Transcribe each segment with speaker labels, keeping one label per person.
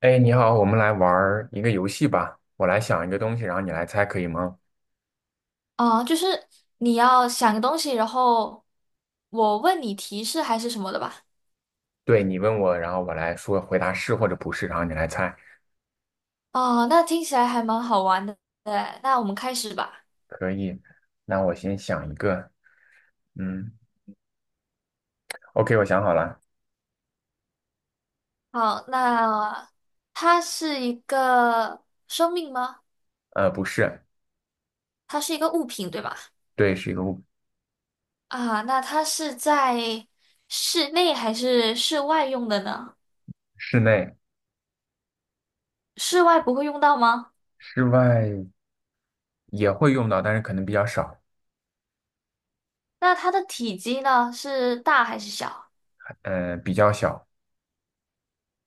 Speaker 1: 哎，你好，我们来玩儿一个游戏吧。我来想一个东西，然后你来猜，可以吗？
Speaker 2: 啊，就是你要想个东西，然后我问你提示还是什么的吧。
Speaker 1: 对，你问我，然后我来说回答是或者不是，然后你来猜，
Speaker 2: 哦，那听起来还蛮好玩的。对，那我们开始吧。
Speaker 1: 可以。那我先想一个，嗯，OK，我想好了，
Speaker 2: 好，那它是一个生命吗？
Speaker 1: 不是，
Speaker 2: 它是一个物品，对吧？
Speaker 1: 对，是一个物，
Speaker 2: 啊，那它是在室内还是室外用的呢？
Speaker 1: 室内、
Speaker 2: 室外不会用到吗？
Speaker 1: 室外也会用到，但是可能比较少，
Speaker 2: 那它的体积呢，是大还是小？
Speaker 1: 比较小，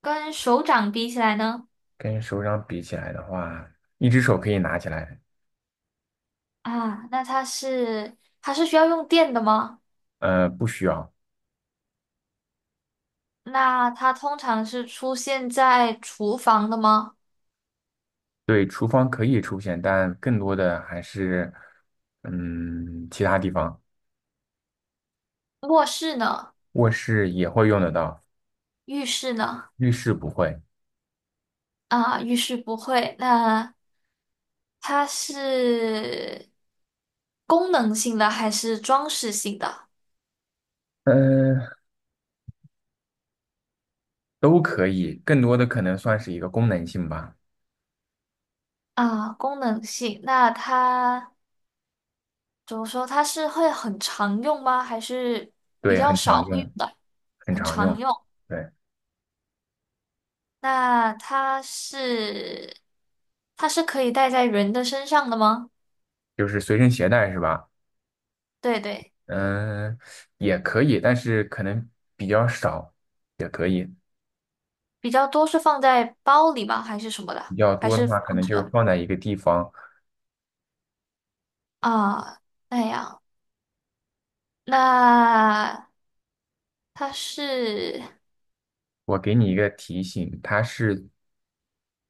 Speaker 2: 跟手掌比起来呢？
Speaker 1: 跟手掌比起来的话，一只手可以拿起来，
Speaker 2: 啊，那它是需要用电的吗？
Speaker 1: 不需要。
Speaker 2: 那它通常是出现在厨房的吗？
Speaker 1: 对，厨房可以出现，但更多的还是，嗯，其他地方。
Speaker 2: 卧室呢？
Speaker 1: 卧室也会用得到，
Speaker 2: 浴室呢？
Speaker 1: 浴室不会，
Speaker 2: 啊，浴室不会。那它是功能性的还是装饰性的？
Speaker 1: 嗯、呃都可以，更多的可能算是一个功能性吧。
Speaker 2: 啊，功能性。那它怎么说？它是会很常用吗？还是比
Speaker 1: 对，
Speaker 2: 较
Speaker 1: 很
Speaker 2: 少
Speaker 1: 常
Speaker 2: 会用
Speaker 1: 用，
Speaker 2: 的？
Speaker 1: 很
Speaker 2: 很
Speaker 1: 常
Speaker 2: 常
Speaker 1: 用。
Speaker 2: 用。
Speaker 1: 对，
Speaker 2: 那它是可以戴在人的身上的吗？
Speaker 1: 就是随身携带是吧？
Speaker 2: 对对。
Speaker 1: 嗯、也可以，但是可能比较少，也可以。
Speaker 2: 比较多是放在包里吗？还是什么
Speaker 1: 比
Speaker 2: 的？
Speaker 1: 较
Speaker 2: 还
Speaker 1: 多的
Speaker 2: 是
Speaker 1: 话，可
Speaker 2: 放
Speaker 1: 能
Speaker 2: 着
Speaker 1: 就是放在一个地方。
Speaker 2: 啊？那样，那它是
Speaker 1: 我给你一个提醒，它是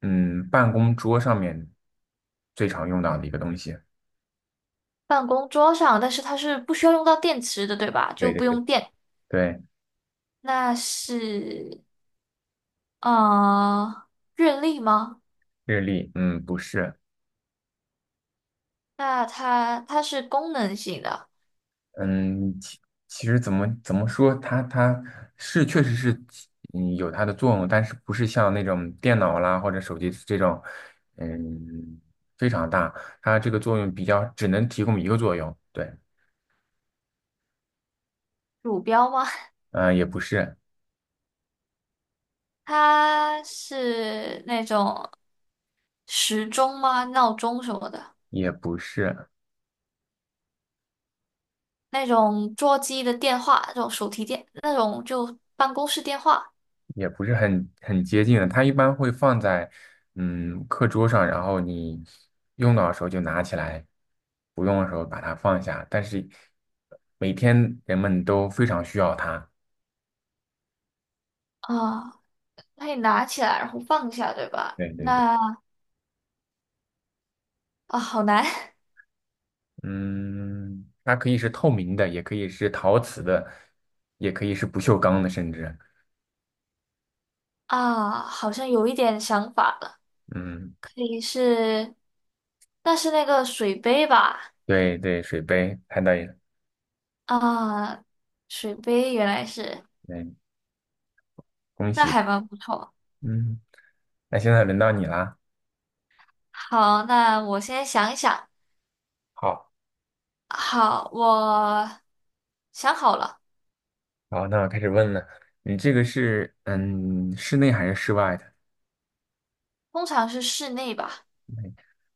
Speaker 1: 嗯办公桌上面最常用到的一个东西。
Speaker 2: 办公桌上，但是它是不需要用到电池的，对吧？就
Speaker 1: 对对
Speaker 2: 不
Speaker 1: 对，
Speaker 2: 用电。
Speaker 1: 对，
Speaker 2: 那是呃，日历吗？
Speaker 1: 日历，嗯，不是。
Speaker 2: 那它是功能性的
Speaker 1: 嗯，其实怎么说，它是确实是起有它的作用，但是不是像那种电脑啦或者手机这种，嗯，非常大，它这个作用比较只能提供一个作用，对，
Speaker 2: 鼠标吗？
Speaker 1: 嗯、也不是，
Speaker 2: 它是那种时钟吗？闹钟什么的，
Speaker 1: 也不是，
Speaker 2: 那种座机的电话，这种手提电，那种就办公室电话。
Speaker 1: 也不是很接近的，它一般会放在课桌上，然后你用到的时候就拿起来，不用的时候把它放下，但是每天人们都非常需要它，
Speaker 2: 啊，那你拿起来然后放下，对吧？
Speaker 1: 对对对。
Speaker 2: 那啊，好难。
Speaker 1: 嗯，它可以是透明的，也可以是陶瓷的，也可以是不锈钢的，甚至，
Speaker 2: 啊，好像有一点想法了，
Speaker 1: 嗯，
Speaker 2: 可以是，那是那个水杯吧？
Speaker 1: 对对，水杯猜到了。
Speaker 2: 啊，水杯原来是，
Speaker 1: 嗯，恭
Speaker 2: 那
Speaker 1: 喜，
Speaker 2: 还蛮不错。
Speaker 1: 嗯，那现在轮到你啦，
Speaker 2: 好，那我先想一想。
Speaker 1: 好，
Speaker 2: 好，我想好了，
Speaker 1: 好，那我开始问了，你这个是室内还是室外的？
Speaker 2: 通常是室内吧？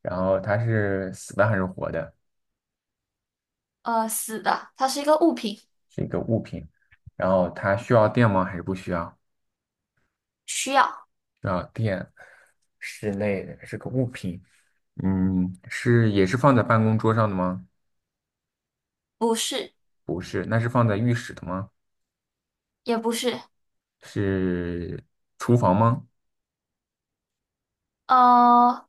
Speaker 1: 然后它是死的还是活的？
Speaker 2: 呃，死的，它是一个物品，
Speaker 1: 是一个物品，然后它需要电吗？还是不需要？
Speaker 2: 需要，
Speaker 1: 需要电，室内的是个物品，嗯，是也是放在办公桌上的吗？
Speaker 2: 不是，
Speaker 1: 不是，那是放在浴室的吗？
Speaker 2: 也不是，
Speaker 1: 是厨房吗？
Speaker 2: 呃，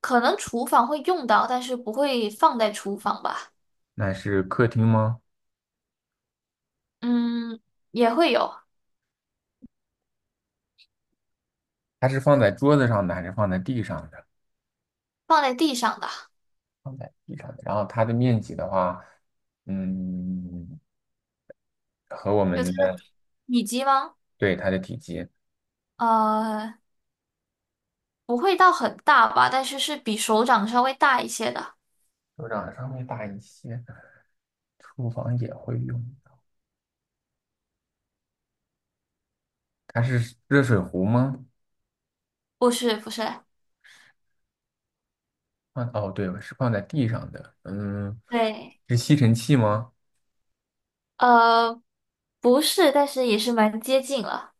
Speaker 2: 可能厨房会用到，但是不会放在厨房吧。
Speaker 1: 那是客厅吗？
Speaker 2: 嗯，也会有
Speaker 1: 它是放在桌子上的还是放在地上的？
Speaker 2: 放在地上的，
Speaker 1: 放在地上的。然后它的面积的话，嗯，和我
Speaker 2: 就它
Speaker 1: 们
Speaker 2: 的
Speaker 1: 的，
Speaker 2: 体积吗？
Speaker 1: 对，它的体积，
Speaker 2: 呃，不会到很大吧，但是是比手掌稍微大一些的。
Speaker 1: 手掌稍微大一些。厨房也会用。它是热水壶吗？
Speaker 2: 不是，不是，
Speaker 1: 放，哦，对，是放在地上的。嗯，
Speaker 2: 对，
Speaker 1: 是吸尘器吗？
Speaker 2: 呃，不是，但是也是蛮接近了，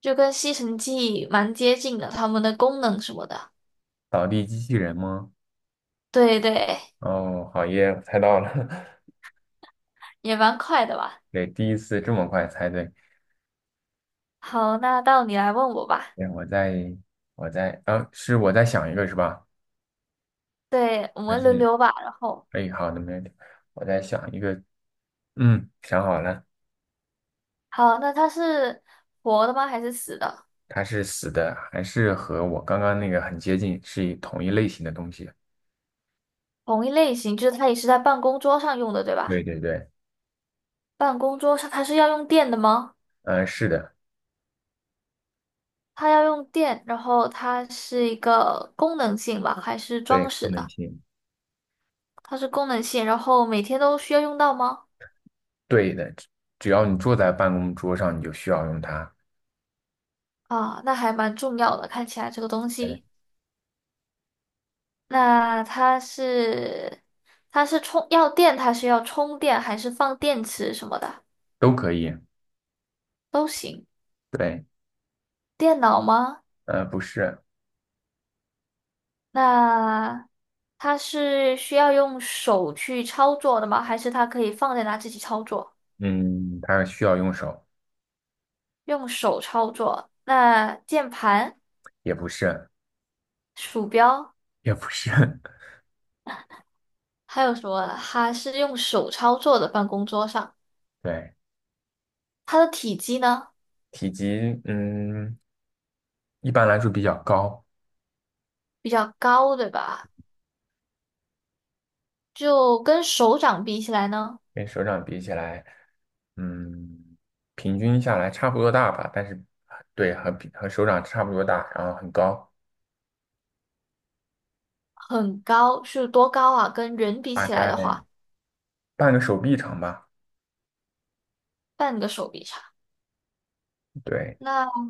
Speaker 2: 就跟吸尘器蛮接近的，它们的功能什么的。
Speaker 1: 扫地机器人吗？
Speaker 2: 对对，
Speaker 1: 哦，好耶，我猜到了。
Speaker 2: 也蛮快的吧。
Speaker 1: 对，第一次这么快猜对。
Speaker 2: 好，那到你来问我吧。
Speaker 1: 对，我在，我在，是我在想一个是吧？
Speaker 2: 对，我
Speaker 1: 还
Speaker 2: 们轮
Speaker 1: 是，
Speaker 2: 流吧。然后，
Speaker 1: 哎，好的，没问题。我在想一个，嗯，想好了，
Speaker 2: 好，那它是活的吗？还是死的？
Speaker 1: 它是死的，还是和我刚刚那个很接近，是一同一类型的东西？
Speaker 2: 同一类型，就是它也是在办公桌上用的，对吧？
Speaker 1: 对对对，
Speaker 2: 办公桌上它是要用电的吗？
Speaker 1: 是的，
Speaker 2: 它要用电，然后它是一个功能性吧，还是
Speaker 1: 对，
Speaker 2: 装
Speaker 1: 功
Speaker 2: 饰
Speaker 1: 能
Speaker 2: 的？
Speaker 1: 性，
Speaker 2: 它是功能性，然后每天都需要用到吗？
Speaker 1: 对的，只只要你坐在办公桌上，你就需要用它，
Speaker 2: 啊，那还蛮重要的，看起来这个东
Speaker 1: 对，
Speaker 2: 西。那它是充要电，它是要充电还是放电池什么的
Speaker 1: 都可以，
Speaker 2: 都行。
Speaker 1: 对，
Speaker 2: 电脑吗？
Speaker 1: 不是，
Speaker 2: 那它是需要用手去操作的吗？还是它可以放在那自己操作？
Speaker 1: 嗯，它需要用手，
Speaker 2: 用手操作。那键盘、
Speaker 1: 也不是，
Speaker 2: 鼠标
Speaker 1: 也不是，
Speaker 2: 还有什么啊？它是用手操作的办公桌上，
Speaker 1: 对。
Speaker 2: 它的体积呢
Speaker 1: 体积，嗯，一般来说比较高，
Speaker 2: 比较高，对吧？就跟手掌比起来呢，
Speaker 1: 跟手掌比起来，嗯，平均下来差不多大吧，但是对，和手掌差不多大，然后很高，
Speaker 2: 很高，是多高啊？跟人比
Speaker 1: 大
Speaker 2: 起来
Speaker 1: 概
Speaker 2: 的话，
Speaker 1: 半个手臂长吧。
Speaker 2: 半个手臂长。
Speaker 1: 对，
Speaker 2: 那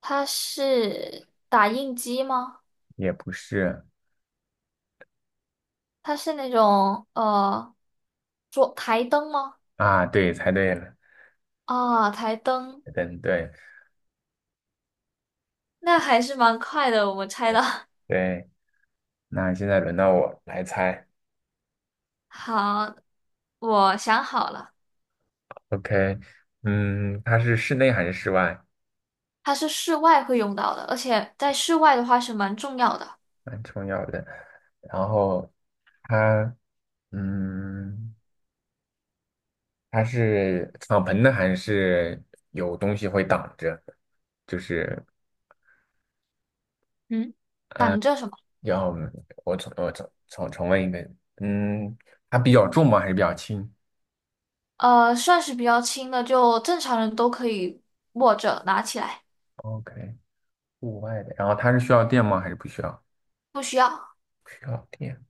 Speaker 2: 它是打印机吗？
Speaker 1: 也不是
Speaker 2: 它是那种桌台灯吗？
Speaker 1: 啊，对，猜对了，
Speaker 2: 啊、台灯，
Speaker 1: 等对
Speaker 2: 那还是蛮快的，我们猜的。
Speaker 1: 对，那现在轮到我来猜
Speaker 2: 好，我想好了，
Speaker 1: ，OK，嗯，它是室内还是室外？
Speaker 2: 它是室外会用到的，而且在室外的话是蛮重要的。
Speaker 1: 蛮重要的。然后它，嗯。它是敞篷的还是有东西会挡着？就是
Speaker 2: 嗯，
Speaker 1: 嗯，
Speaker 2: 挡着什么？
Speaker 1: 要我重问一遍，嗯，它比较重吗？还是比较轻
Speaker 2: 呃，算是比较轻的，就正常人都可以握着拿起来，
Speaker 1: ？OK，户外的，然后它是需要电吗？还是不需要？
Speaker 2: 不需要。
Speaker 1: 不需要电。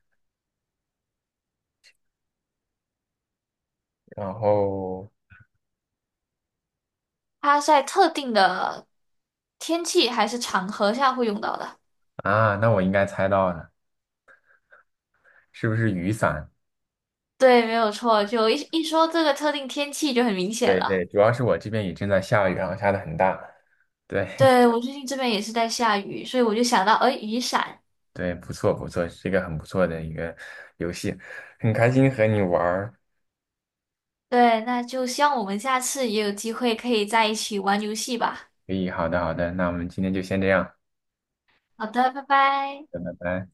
Speaker 1: 然后
Speaker 2: 它在特定的天气还是场合下会用到的。
Speaker 1: 啊，那我应该猜到了，是不是雨伞？
Speaker 2: 对，没有错。就一一说这个特定天气就很明显
Speaker 1: 对对，
Speaker 2: 了。
Speaker 1: 主要是我这边也正在下雨，然后下的很大。对
Speaker 2: 对，我 最近这边也是在下雨，所以我就想到，哎，雨伞。
Speaker 1: 对，不错不错，是一个很不错的一个游戏，很开心和你玩儿。
Speaker 2: 对，那就希望我们下次也有机会可以在一起玩游戏吧。
Speaker 1: 可以，好的，好的，那我们今天就先这样，
Speaker 2: 好的，拜拜。
Speaker 1: 拜拜。